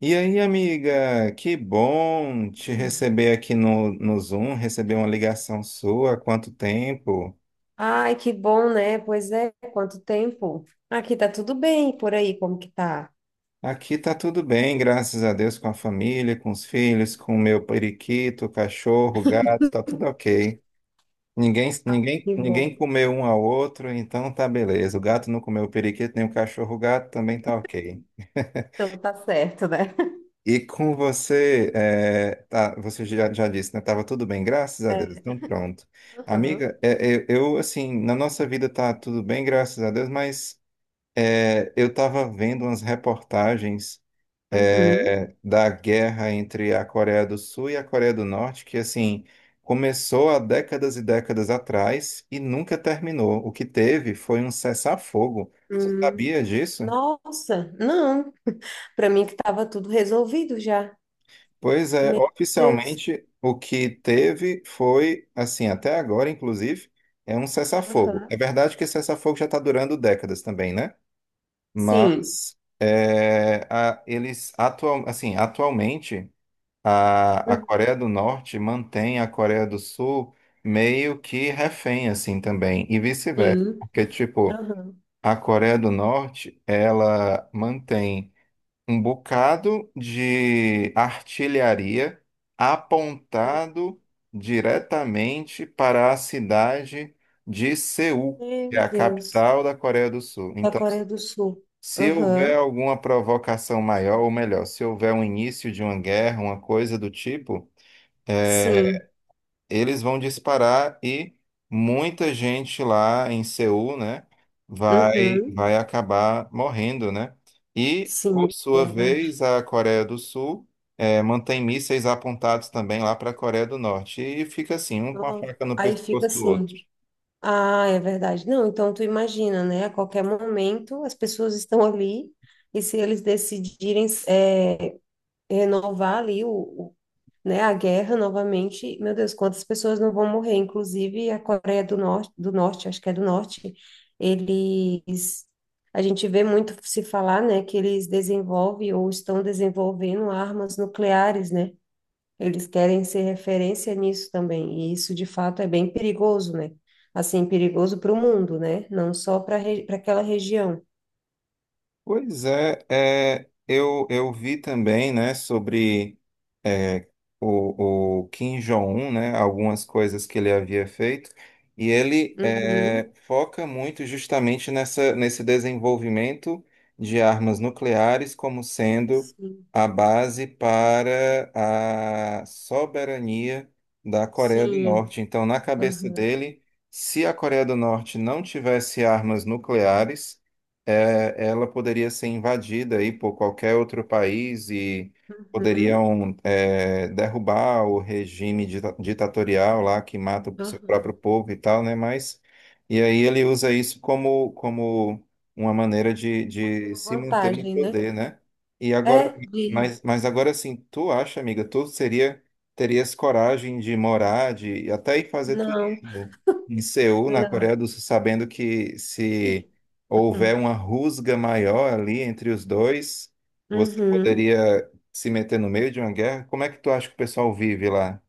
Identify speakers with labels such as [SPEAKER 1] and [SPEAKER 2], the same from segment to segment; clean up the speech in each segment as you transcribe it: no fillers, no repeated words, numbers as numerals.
[SPEAKER 1] E aí, amiga, que bom te
[SPEAKER 2] Sim.
[SPEAKER 1] receber aqui no Zoom, receber uma ligação sua, há quanto tempo?
[SPEAKER 2] Ai, que bom, né? Pois é, quanto tempo. Aqui tá tudo bem, por aí, como que tá?
[SPEAKER 1] Aqui tá tudo bem, graças a Deus, com a família, com os filhos, com o meu periquito, cachorro, gato, tá tudo ok. Ninguém, ninguém,
[SPEAKER 2] Que bom.
[SPEAKER 1] ninguém comeu um ao outro, então tá beleza. O gato não comeu o periquito, nem o cachorro, o gato também tá ok.
[SPEAKER 2] Então tá certo, né?
[SPEAKER 1] E com você, você já disse, né? Tava tudo bem, graças a Deus.
[SPEAKER 2] É.
[SPEAKER 1] Então, pronto.
[SPEAKER 2] Aham.
[SPEAKER 1] Amiga, eu, assim, na nossa vida tá tudo bem, graças a Deus, mas eu tava vendo umas reportagens
[SPEAKER 2] Uhum.
[SPEAKER 1] da guerra entre a Coreia do Sul e a Coreia do Norte, que, assim, começou há décadas e décadas atrás e nunca terminou. O que teve foi um cessar-fogo. Você
[SPEAKER 2] Hum.
[SPEAKER 1] sabia disso?
[SPEAKER 2] Nossa, não. Para mim que estava tudo resolvido já.
[SPEAKER 1] Pois é,
[SPEAKER 2] Meu Deus.
[SPEAKER 1] oficialmente o que teve foi, assim, até agora, inclusive, é um cessar-fogo. É
[SPEAKER 2] Aham.
[SPEAKER 1] verdade que esse cessar-fogo já está durando décadas também, né?
[SPEAKER 2] Sim.
[SPEAKER 1] Mas eles atual, assim, atualmente a
[SPEAKER 2] Uhum.
[SPEAKER 1] Coreia do Norte mantém a Coreia do Sul meio que refém, assim, também, e vice-versa.
[SPEAKER 2] Sim.
[SPEAKER 1] Porque, tipo,
[SPEAKER 2] Aham.
[SPEAKER 1] a Coreia do Norte, ela mantém um bocado de artilharia apontado diretamente para a cidade de Seul, que é
[SPEAKER 2] Meu
[SPEAKER 1] a
[SPEAKER 2] Deus.
[SPEAKER 1] capital da Coreia do Sul.
[SPEAKER 2] Da
[SPEAKER 1] Então,
[SPEAKER 2] Coreia do Sul.
[SPEAKER 1] se houver
[SPEAKER 2] Aham.
[SPEAKER 1] alguma provocação maior, ou melhor, se houver um início de uma guerra, uma coisa do tipo. é,
[SPEAKER 2] Sim.
[SPEAKER 1] eles vão disparar e muita gente lá em Seul, né, vai,
[SPEAKER 2] Uhum.
[SPEAKER 1] vai acabar morrendo, né? E, por
[SPEAKER 2] Sim,
[SPEAKER 1] sua
[SPEAKER 2] verdade.
[SPEAKER 1] vez, a Coreia do Sul mantém mísseis apontados também lá para a Coreia do Norte. E fica assim, um com a
[SPEAKER 2] Nossa.
[SPEAKER 1] faca no
[SPEAKER 2] Aí fica
[SPEAKER 1] pescoço do outro.
[SPEAKER 2] assim. Ah, é verdade. Não, então tu imagina, né? A qualquer momento as pessoas estão ali e se eles decidirem renovar ali né, a guerra novamente, meu Deus, quantas pessoas não vão morrer? Inclusive a Coreia do Norte, acho que é do Norte, eles, a gente vê muito se falar, né, que eles desenvolvem ou estão desenvolvendo armas nucleares, né? Eles querem ser referência nisso também, e isso de fato é bem perigoso, né? Assim, perigoso para o mundo, né? Não só para aquela região.
[SPEAKER 1] Pois é, eu, vi também, né, sobre é, o Kim Jong-un, né, algumas coisas que ele havia feito, e ele
[SPEAKER 2] Uhum,
[SPEAKER 1] foca muito justamente nesse desenvolvimento de armas nucleares como sendo
[SPEAKER 2] sim,
[SPEAKER 1] a base para a soberania da Coreia do
[SPEAKER 2] sim,
[SPEAKER 1] Norte. Então, na cabeça
[SPEAKER 2] uhum,
[SPEAKER 1] dele, se a Coreia do Norte não tivesse armas nucleares, ela poderia ser invadida aí por qualquer outro país e
[SPEAKER 2] uhum,
[SPEAKER 1] poderiam derrubar o regime ditatorial lá que mata o seu próprio
[SPEAKER 2] uhum.
[SPEAKER 1] povo e tal, né? Mas e aí ele usa isso como como uma maneira de se
[SPEAKER 2] Uma
[SPEAKER 1] manter no
[SPEAKER 2] vantagem, né?
[SPEAKER 1] poder, né? E agora,
[SPEAKER 2] É, de.
[SPEAKER 1] mas agora assim, tu acha, amiga, tu seria terias coragem de morar, de até ir fazer
[SPEAKER 2] Não,
[SPEAKER 1] turismo em Seul, na
[SPEAKER 2] não.
[SPEAKER 1] Coreia do Sul, sabendo que se
[SPEAKER 2] Ih, uh-uh.
[SPEAKER 1] houver uma rusga maior ali entre os dois, você
[SPEAKER 2] Uhum.
[SPEAKER 1] poderia se meter no meio de uma guerra, como é que tu acha que o pessoal vive lá?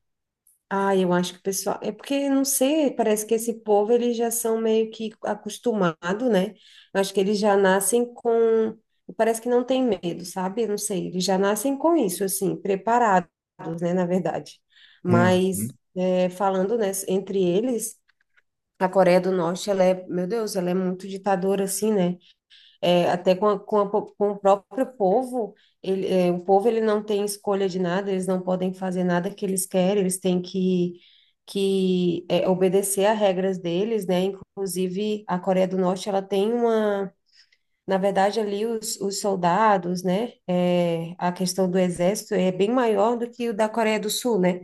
[SPEAKER 2] Ah, eu acho que o pessoal. É porque, não sei, parece que esse povo eles já são meio que acostumados, né? Eu acho que eles já nascem com. Parece que não tem medo, sabe? Eu não sei, eles já nascem com isso, assim, preparados, né? Na verdade.
[SPEAKER 1] Hum.
[SPEAKER 2] Mas, falando, né, entre eles, a Coreia do Norte, ela é, meu Deus, ela é muito ditadora, assim, né? Até com o próprio povo, o povo ele não tem escolha de nada, eles não podem fazer nada que eles querem, eles têm que obedecer às regras deles, né? Inclusive, a Coreia do Norte, ela tem uma na verdade, ali os soldados, né? A questão do exército é bem maior do que o da Coreia do Sul, né?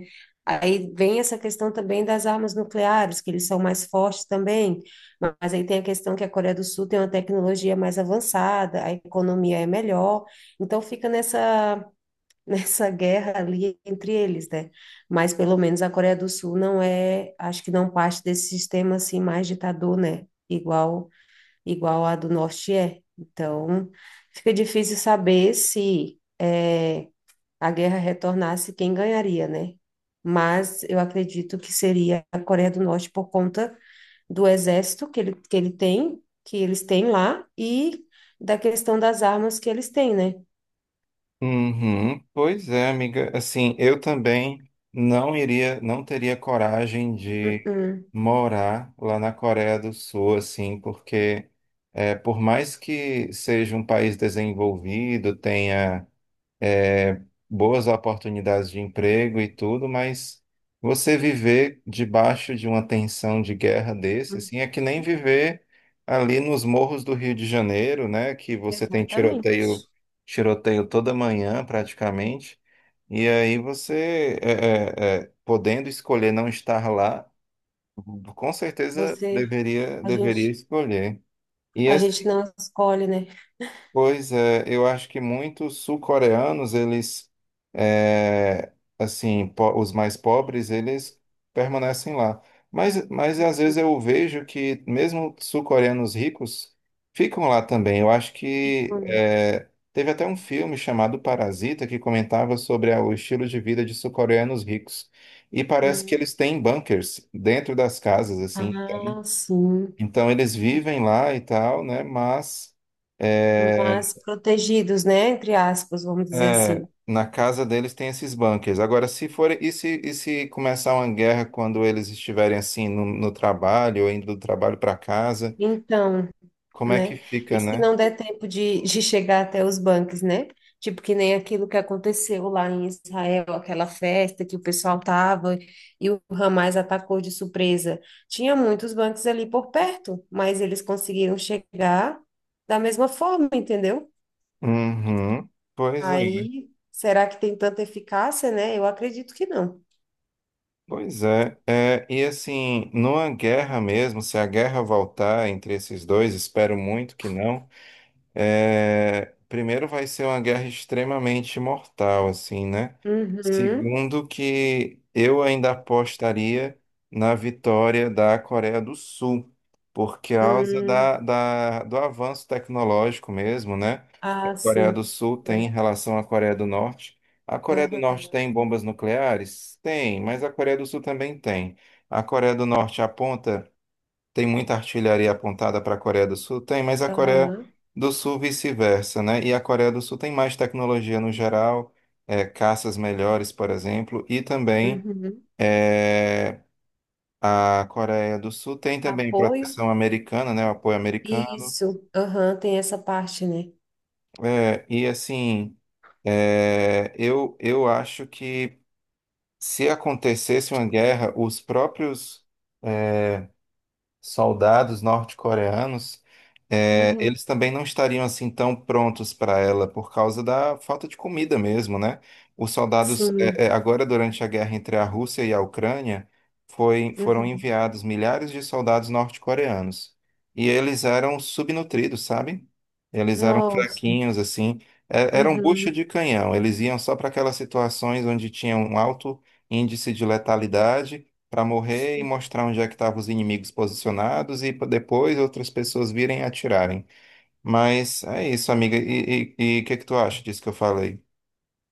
[SPEAKER 2] Aí vem essa questão também das armas nucleares, que eles são mais fortes também, mas aí tem a questão que a Coreia do Sul tem uma tecnologia mais avançada, a economia é melhor, então fica nessa guerra ali entre eles, né? Mas pelo menos a Coreia do Sul não é, acho que não parte desse sistema assim mais ditador, né? Igual a do norte é. Então, fica difícil saber se a guerra retornasse, quem ganharia, né? Mas eu acredito que seria a Coreia do Norte por conta do exército que ele tem, que eles têm lá, e da questão das armas que eles têm, né?
[SPEAKER 1] Uhum, pois é, amiga. Assim, eu também não iria, não teria coragem de
[SPEAKER 2] Uhum.
[SPEAKER 1] morar lá na Coreia do Sul, assim, porque por mais que seja um país desenvolvido, tenha é, boas oportunidades de emprego e tudo, mas você viver debaixo de uma tensão de guerra desse,
[SPEAKER 2] Uhum.
[SPEAKER 1] assim, é que nem viver ali nos morros do Rio de Janeiro, né, que você tem tiroteio,
[SPEAKER 2] Exatamente.
[SPEAKER 1] tiroteio toda manhã praticamente, e aí você, podendo escolher não estar lá, com certeza
[SPEAKER 2] Você, a
[SPEAKER 1] deveria
[SPEAKER 2] gente,
[SPEAKER 1] escolher. E
[SPEAKER 2] a gente não escolhe, né?
[SPEAKER 1] pois é, eu acho que muitos sul-coreanos, eles, é, assim, os mais pobres, eles permanecem lá. Mas às vezes eu vejo que mesmo sul-coreanos ricos ficam lá também. Eu acho que é, teve até um filme chamado Parasita que comentava sobre o estilo de vida de sul-coreanos ricos. E parece que
[SPEAKER 2] Uhum.
[SPEAKER 1] eles têm bunkers dentro das casas, assim. Então,
[SPEAKER 2] Ah, sim.
[SPEAKER 1] então eles vivem lá e tal, né? Mas eh,
[SPEAKER 2] Mas protegidos, né? Entre aspas, vamos dizer assim.
[SPEAKER 1] na casa deles tem esses bunkers. Agora, se for, e se começar uma guerra quando eles estiverem assim no trabalho, ou indo do trabalho para casa,
[SPEAKER 2] Então,
[SPEAKER 1] como é que
[SPEAKER 2] né?
[SPEAKER 1] fica,
[SPEAKER 2] E se
[SPEAKER 1] né?
[SPEAKER 2] não der tempo de chegar até os bancos, né? Tipo, que nem aquilo que aconteceu lá em Israel, aquela festa que o pessoal tava e o Hamas atacou de surpresa. Tinha muitos bancos ali por perto, mas eles conseguiram chegar da mesma forma, entendeu?
[SPEAKER 1] Uhum. Pois é, né?
[SPEAKER 2] Aí, será que tem tanta eficácia, né? Eu acredito que não.
[SPEAKER 1] Pois é. É, e assim, numa guerra mesmo, se a guerra voltar entre esses dois, espero muito que não. É, primeiro vai ser uma guerra extremamente mortal, assim, né?
[SPEAKER 2] Uhum.
[SPEAKER 1] Segundo que eu ainda apostaria na vitória da Coreia do Sul, por causa
[SPEAKER 2] Hum.
[SPEAKER 1] do avanço tecnológico mesmo, né?
[SPEAKER 2] Ah,
[SPEAKER 1] A Coreia do
[SPEAKER 2] sim.
[SPEAKER 1] Sul tem em relação à Coreia do Norte. A Coreia do Norte
[SPEAKER 2] Aham,
[SPEAKER 1] tem bombas nucleares? Tem, mas a Coreia do Sul também tem. A Coreia do Norte aponta tem muita artilharia apontada para a Coreia do Sul? Tem, mas a Coreia
[SPEAKER 2] aham,
[SPEAKER 1] do Sul vice-versa, né? E a Coreia do Sul tem mais tecnologia no geral, caças melhores, por exemplo, e também
[SPEAKER 2] uhum.
[SPEAKER 1] é, a Coreia do Sul tem também
[SPEAKER 2] Apoio?
[SPEAKER 1] proteção americana, né? O apoio americano.
[SPEAKER 2] Isso, aham, tem essa parte, né?
[SPEAKER 1] É, e assim, eu, acho que se acontecesse uma guerra, os próprios é, soldados norte-coreanos,
[SPEAKER 2] Uhum,
[SPEAKER 1] eles também não estariam assim tão prontos para ela por causa da falta de comida mesmo, né? Os soldados,
[SPEAKER 2] sim,
[SPEAKER 1] agora durante a guerra entre a Rússia e a Ucrânia, foram
[SPEAKER 2] uhum.
[SPEAKER 1] enviados milhares de soldados norte-coreanos e eles eram subnutridos, sabe? Eles eram
[SPEAKER 2] Nossa,
[SPEAKER 1] fraquinhos, assim, eram bucha
[SPEAKER 2] uhum.
[SPEAKER 1] de canhão. Eles iam só para aquelas situações onde tinha um alto índice de letalidade para morrer e mostrar onde é que estavam os inimigos posicionados e pra depois outras pessoas virem e atirarem. Mas é isso, amiga. E o que é que tu acha disso que eu falei?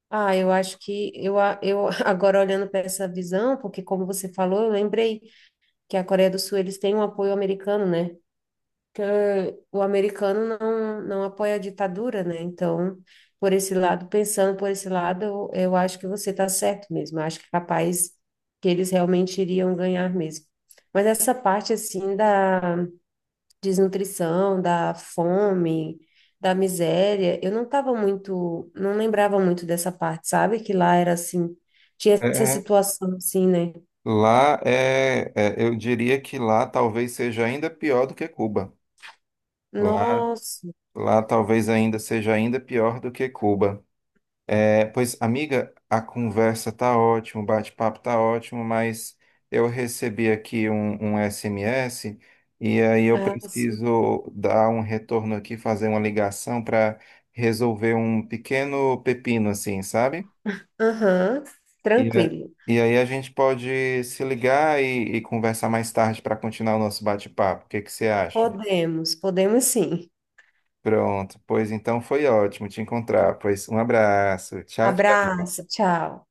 [SPEAKER 2] Ah, eu acho que eu agora olhando para essa visão, porque como você falou, eu lembrei que a Coreia do Sul eles têm um apoio americano, né? Que o americano não apoia a ditadura, né? Então, por esse lado, pensando por esse lado, eu acho que você está certo mesmo. Eu acho que é capaz que eles realmente iriam ganhar mesmo. Mas essa parte, assim, da desnutrição, da fome, da miséria, eu não estava muito, não lembrava muito dessa parte, sabe? Que lá era assim, tinha essa
[SPEAKER 1] É,
[SPEAKER 2] situação assim, né?
[SPEAKER 1] lá eu diria que lá talvez seja ainda pior do que Cuba. Lá,
[SPEAKER 2] Nossa,
[SPEAKER 1] lá talvez ainda seja ainda pior do que Cuba. É, pois, amiga, a conversa tá ótima, o bate-papo tá ótimo, mas eu recebi aqui um SMS e aí eu
[SPEAKER 2] ah, sim.
[SPEAKER 1] preciso dar um retorno aqui, fazer uma ligação para resolver um pequeno pepino, assim, sabe?
[SPEAKER 2] Aham,
[SPEAKER 1] E, a-
[SPEAKER 2] tranquilo.
[SPEAKER 1] e aí a gente pode se ligar e conversar mais tarde para continuar o nosso bate-papo. O que que você acha?
[SPEAKER 2] Podemos, podemos sim.
[SPEAKER 1] Pronto, pois então foi ótimo te encontrar. Pois um abraço. Tchau, tchau.
[SPEAKER 2] Abraço, tchau.